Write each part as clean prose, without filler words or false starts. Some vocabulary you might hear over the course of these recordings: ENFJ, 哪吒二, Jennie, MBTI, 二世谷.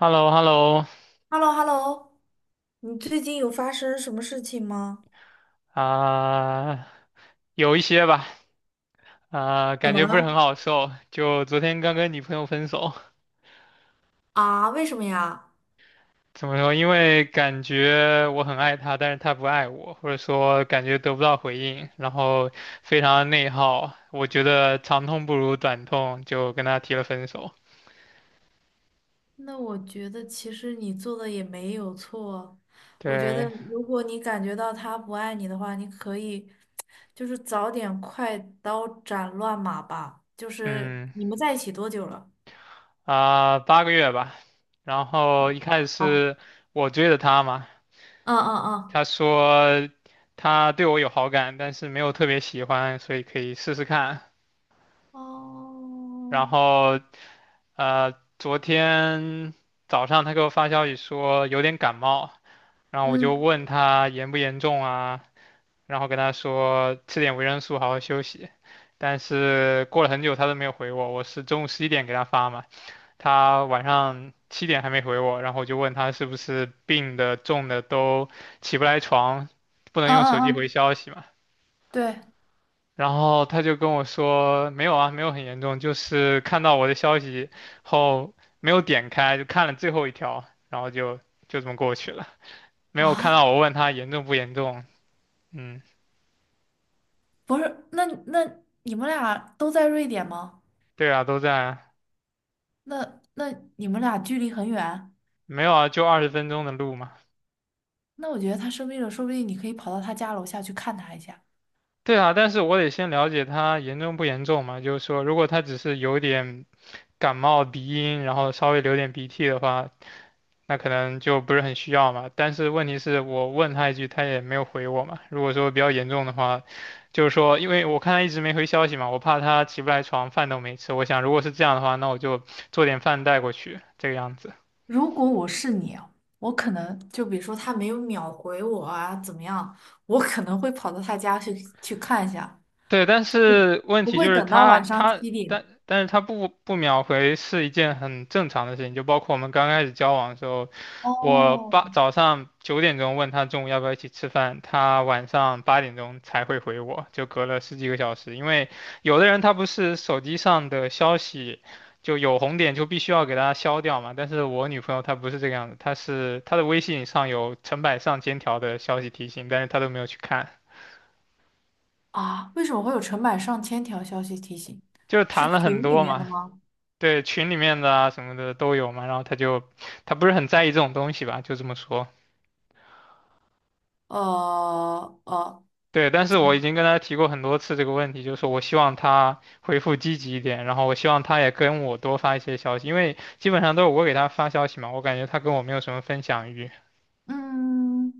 h e l l o h e l l o h e l l o h e l l o 你最近有发生什么事情吗？啊，有一些吧，啊，怎感么觉不是很了？好受。就昨天刚跟女朋友分手，啊，为什么呀？怎么说？因为感觉我很爱她，但是她不爱我，或者说感觉得不到回应，然后非常内耗。我觉得长痛不如短痛，就跟她提了分手。那我觉得其实你做的也没有错。我觉得对，如果你感觉到他不爱你的话，你可以就是早点快刀斩乱麻吧。就是嗯，你们在一起多久了？啊，八个月吧。然后一开始哦，是我追的她嘛，嗯嗯嗯。他说他对我有好感，但是没有特别喜欢，所以可以试试看。哦，然后呃，昨天早上他给我发消息说有点感冒，然后我就嗯问他严不严重啊，然后跟他说吃点维生素，好好休息。但是过了很久他都没有回我，我是中午十一点给他发嘛，他晚上七点还没回我，然后我就问他是不是病的重的都起不来床，不能嗯用手机回嗯嗯，消息嘛。对然后他就跟我说，没有啊，没有很严重，就是看到我的消息后没有点开，就看了最后一条，然后就这么过去了，没有看到啊，我问他严重不严重。嗯，不是，那你们俩都在瑞典吗？对啊，都在，那你们俩距离很远，没有啊，就二十分钟的路嘛。那我觉得他生病了，说不定你可以跑到他家楼下去看他一下。对啊，但是我得先了解他严重不严重嘛，就是说如果他只是有点感冒、鼻音，然后稍微流点鼻涕的话，那可能就不是很需要嘛。但是问题是我问他一句，他也没有回我嘛。如果说比较严重的话，就是说，因为我看他一直没回消息嘛，我怕他起不来床，饭都没吃。我想如果是这样的话，那我就做点饭带过去，这个样子。如果我是你啊，我可能就比如说他没有秒回我啊，怎么样，我可能会跑到他家去看一下，对，但是问不题就会是等到他晚上他7点。但但是他不不秒回是一件很正常的事情，就包括我们刚开始交往的时候，我哦，八早上九点钟问他中午要不要一起吃饭，他晚上八点钟才会回我，就隔了十几个小时。因为有的人他不是手机上的消息就有红点就必须要给他消掉嘛，但是我女朋友她不是这个样子，她是她的微信上有成百上千条的消息提醒，但是她都没有去看，啊，为什么会有成百上千条消息提醒？就是是谈了群很里多面的嘛。吗？对群里面的啊什么的都有嘛，然后他就他不是很在意这种东西吧，就这么说。呃呃，对，但是我已经跟他提过很多次这个问题，就是我希望他回复积极一点，然后我希望他也跟我多发一些消息，因为基本上都是我给他发消息嘛，我感觉他跟我没有什么分享欲。嗯，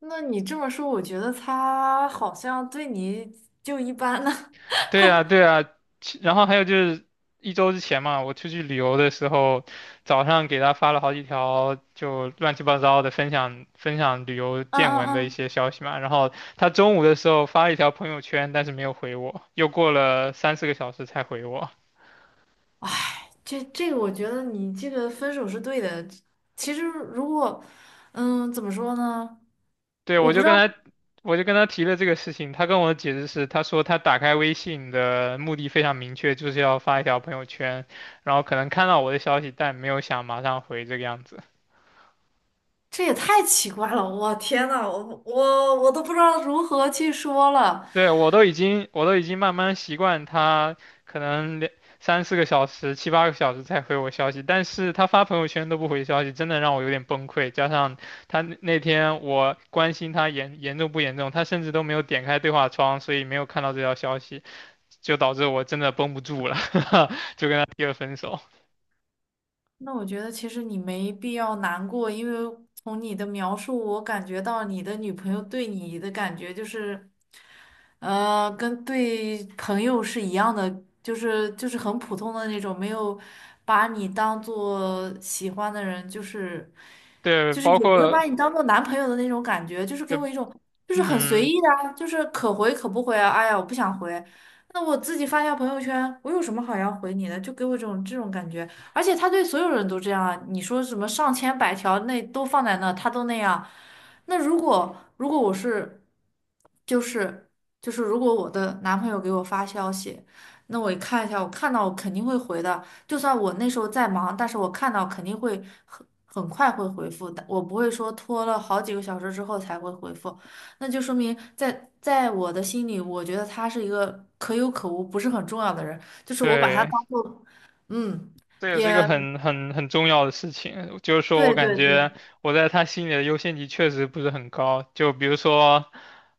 那你这么说，我觉得他好像对你就一般呢。对呀，对呀，其然后还有就是一周之前嘛，我出去旅游的时候，早上给他发了好几条就乱七八糟的分享旅游嗯见闻嗯的一嗯，些消息嘛，然后他中午的时候发了一条朋友圈，但是没有回我，又过了三四个小时才回我。这个我觉得你这个分手是对的。其实如果，嗯，怎么说呢？对，我我不就知道，跟他，我就跟他提了这个事情，他跟我的解释是，他说他打开微信的目的非常明确，就是要发一条朋友圈，然后可能看到我的消息，但没有想马上回这个样子。这也太奇怪了。我天呐，我都不知道如何去说了。对，我都已经慢慢习惯他可能两三四个小时、七八个小时才回我消息，但是他发朋友圈都不回消息，真的让我有点崩溃。加上他那天我关心他严重不严重，他甚至都没有点开对话窗，所以没有看到这条消息，就导致我真的绷不住了，就跟他提了分手。那我觉得其实你没必要难过，因为从你的描述，我感觉到你的女朋友对你的感觉就是。呃，跟对朋友是一样的，就是很普通的那种，没有把你当做喜欢的人，就是对，就是包也没有括，把你当做男朋友的那种感觉，就是给呃我一种就是很随嗯，意的啊，就是可回可不回啊。哎呀，我不想回，那我自己发一下朋友圈，我有什么好要回你的？就给我这种感觉，而且他对所有人都这样啊，你说什么上千百条那都放在那，他都那样。那如果我是，就是。就是如果我的男朋友给我发消息，那我一看一下，我看到我肯定会回的。就算我那时候在忙，但是我看到肯定会很快会回复的，我不会说拖了好几个小时之后才会回复。那就说明在我的心里，我觉得他是一个可有可无、不是很重要的人，就是我把他对。当做，嗯，这也是一个也很重要的事情，就是说我对感对对，觉我在他心里的优先级确实不是很高。就比如说，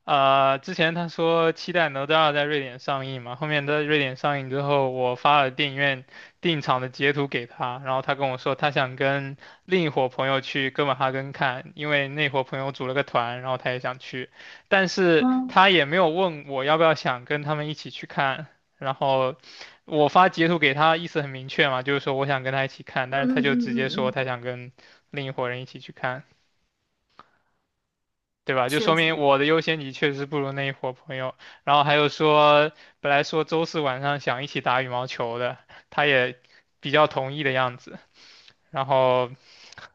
之前他说期待《哪吒二》在瑞典上映嘛，后面在瑞典上映之后，我发了电影院订场的截图给他，然后他跟我说他想跟另一伙朋友去哥本哈根看，因为那伙朋友组了个团，然后他也想去，但是嗯他也没有问我要不要想跟他们一起去看，然后。我发截图给他，意思很明确嘛，就是说我想跟他一起看，嗯但是他嗯就嗯直嗯接说嗯，他嗯想跟另一伙人一起去看，对吧？就确说明实。我的优先级确实不如那一伙朋友。然后还有说，本来说周四晚上想一起打羽毛球的，他也比较同意的样子。然后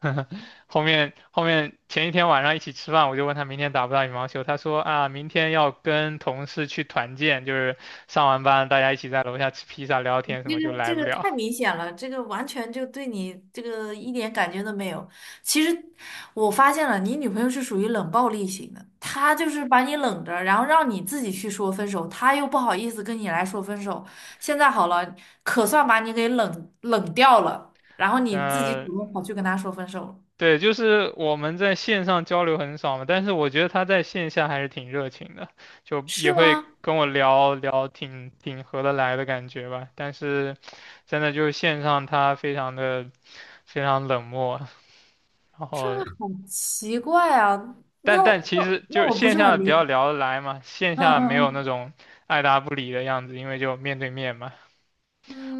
后面前一天晚上一起吃饭，我就问他明天打不打羽毛球，他说啊，明天要跟同事去团建，就是上完班大家一起在楼下吃披萨聊天什这么，就个来这不个了。太明显了，这个完全就对你这个一点感觉都没有。其实我发现了，你女朋友是属于冷暴力型的，她就是把你冷着，然后让你自己去说分手，她又不好意思跟你来说分手。现在好了，可算把你给冷冷掉了，然后你自己主动嗯。跑去跟她说分手了，对，就是我们在线上交流很少嘛，但是我觉得他在线下还是挺热情的，就也是会吗？跟我聊聊挺合得来的感觉吧。但是真的就是线上他非常冷漠，然这后很奇怪啊！但那但我其那我实就那是我不线是下很比理较解。聊得来嘛，线嗯下没有那嗯种爱答不理的样子，因为就面对面嘛。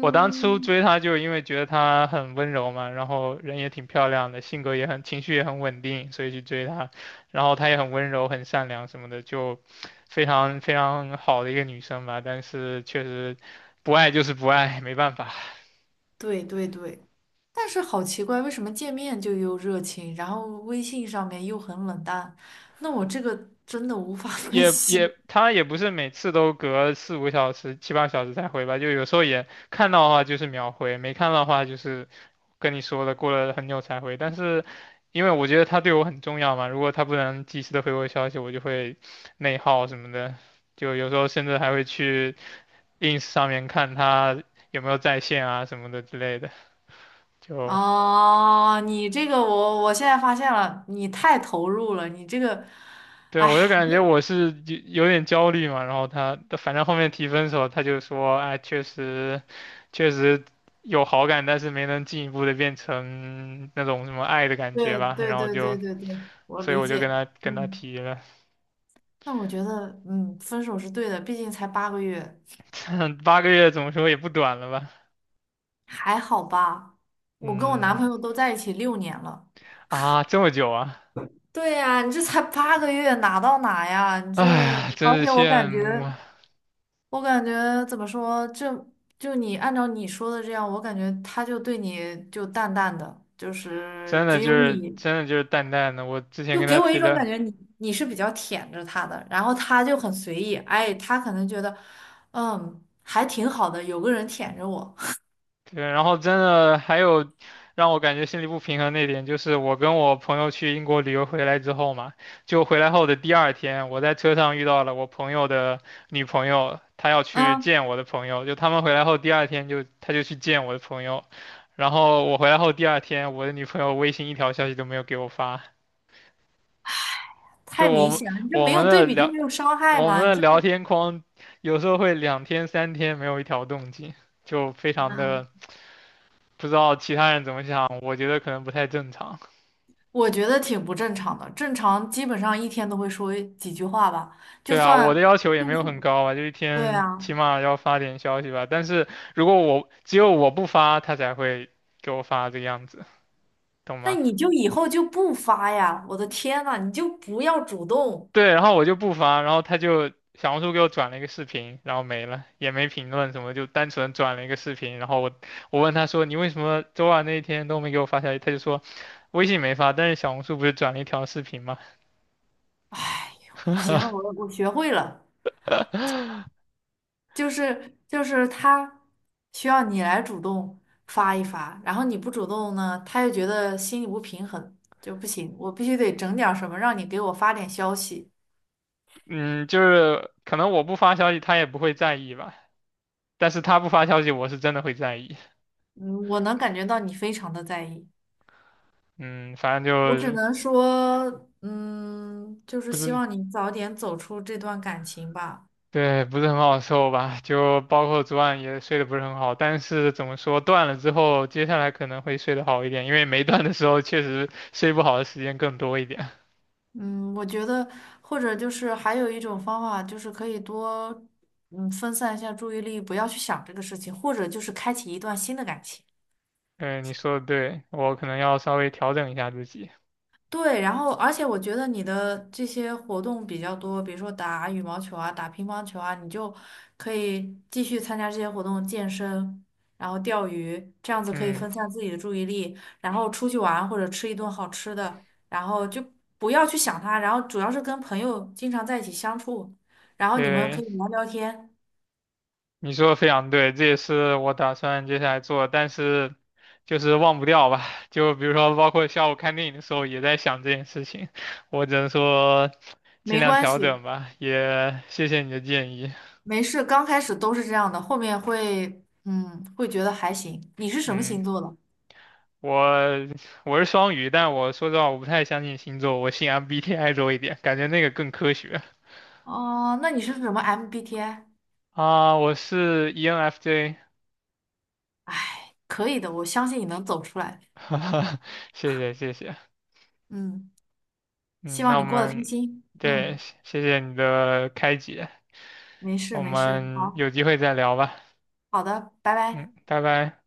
我当初嗯，追她就是因为觉得她很温柔嘛，然后人也挺漂亮的，性格也很，情绪也很稳定，所以去追她。然后她也很温柔、很善良什么的，就非常好的一个女生吧。但是确实不爱就是不爱，没办法。对对对，但是好奇怪，为什么见面就又热情，然后微信上面又很冷淡？那我这个真的无法 分析。她也不是每次都隔四五小时、七八小时才回吧，就有时候也看到的话就是秒回，没看到的话就是跟你说了，过了很久才回，但是因为我觉得他对我很重要嘛，如果他不能及时的回我消息，我就会内耗什么的，就有时候甚至还会去 ins 上面看他有没有在线啊什么的之类的，就哦，你这个我现在发现了，你太投入了，你这个，对啊，我就感觉我是有点焦虑嘛，然后他反正后面提分手，他就说，哎，确实。有好感，但是没能进一步的变成那种什么爱的感觉对吧，对然后对就，对对对，我所以理我就跟解。他跟他嗯，提了。那我觉得，嗯，分手是对的，毕竟才八个月，八个月怎么说也不短了吧？还好吧？我跟我男嗯朋友都在一起6年了。啊，这么久啊！对呀，你这才八个月，哪到哪呀？你哎这，呀，而真且是我羡感觉。慕啊！我感觉怎么说，就你按照你说的这样，我感觉他就对你就淡淡的，就是真的只就有是你，真的就是淡淡的，我之前就跟他给我一提种的，感觉你是比较舔着他的，然后他就很随意，哎，他可能觉得，嗯，还挺好的，有个人舔着我，对，然后真的还有让我感觉心里不平衡那点，就是我跟我朋友去英国旅游回来之后嘛，就回来后的第二天，我在车上遇到了我朋友的女朋友，她要去嗯，见我的朋友，就他们回来后第二天就她就去见我的朋友，然后我回来后第二天，我的女朋友微信一条消息都没有给我发。就太我明们显了，你这我没们有对的比就聊没有伤害我们嘛，你的这聊个，天框，有时候会两天三天没有一条动静，就非常嗯，的不知道其他人怎么想，我觉得可能不太正常。我觉得挺不正常的，正常基本上一天都会说几句话吧，就对啊，我算，的要求也没就有算，很高吧，就一对天起啊。码要发点消息吧。但是如果我只有我不发，他才会给我发这个样子，懂那吗？你就以后就不发呀！我的天呐，你就不要主动。对，然后我就不发，然后他就小红书给我转了一个视频，然后没了，也没评论什么，就单纯转了一个视频。然后我问他说你为什么周二那一天都没给我发消息？他就说微信没发，但是小红书不是转了一条视频吗？行了，我学会了，就是他需要你来主动发一发，然后你不主动呢，他又觉得心里不平衡，就不行，我必须得整点儿什么让你给我发点消息。嗯，就是可能我不发消息他也不会在意吧，但是他不发消息我是真的会在意。嗯，我能感觉到你非常的在意，嗯，反我只正就能说，嗯，就是不希是望你早点走出这段感情吧。对，不是很好受吧？就包括昨晚也睡得不是很好，但是怎么说，断了之后，接下来可能会睡得好一点，因为没断的时候确实睡不好的时间更多一点。嗯，我觉得或者就是还有一种方法，就是可以多嗯分散一下注意力，不要去想这个事情，或者就是开启一段新的感情。嗯，你说的对，我可能要稍微调整一下自己。对，然后而且我觉得你的这些活动比较多，比如说打羽毛球啊、打乒乓球啊，你就可以继续参加这些活动，健身，然后钓鱼，这样子可以嗯，分散自己的注意力，然后出去玩或者吃一顿好吃的，然后就不要去想他，然后主要是跟朋友经常在一起相处，然后你们可对，以聊聊天，你说的非常对，这也是我打算接下来做，但是就是忘不掉吧。就比如说，包括下午看电影的时候也在想这件事情，我只能说尽没量关调系，整吧。也谢谢你的建议。没事，刚开始都是这样的，后面会，嗯，会觉得还行。你是什么嗯。星座的？我我是双鱼，但我说实话，我不太相信星座，我信 MBTI 多一点，感觉那个更科学哦，那你是什么 MBTI？啊。我是 ENFJ，哎，可以的，我相信你能走出来。哈哈，谢谢谢谢。嗯，希嗯，那望我你过得开们心。对，嗯，谢谢你的开解，没事我没事，们好有机会再聊吧。好的，拜拜。嗯，拜拜。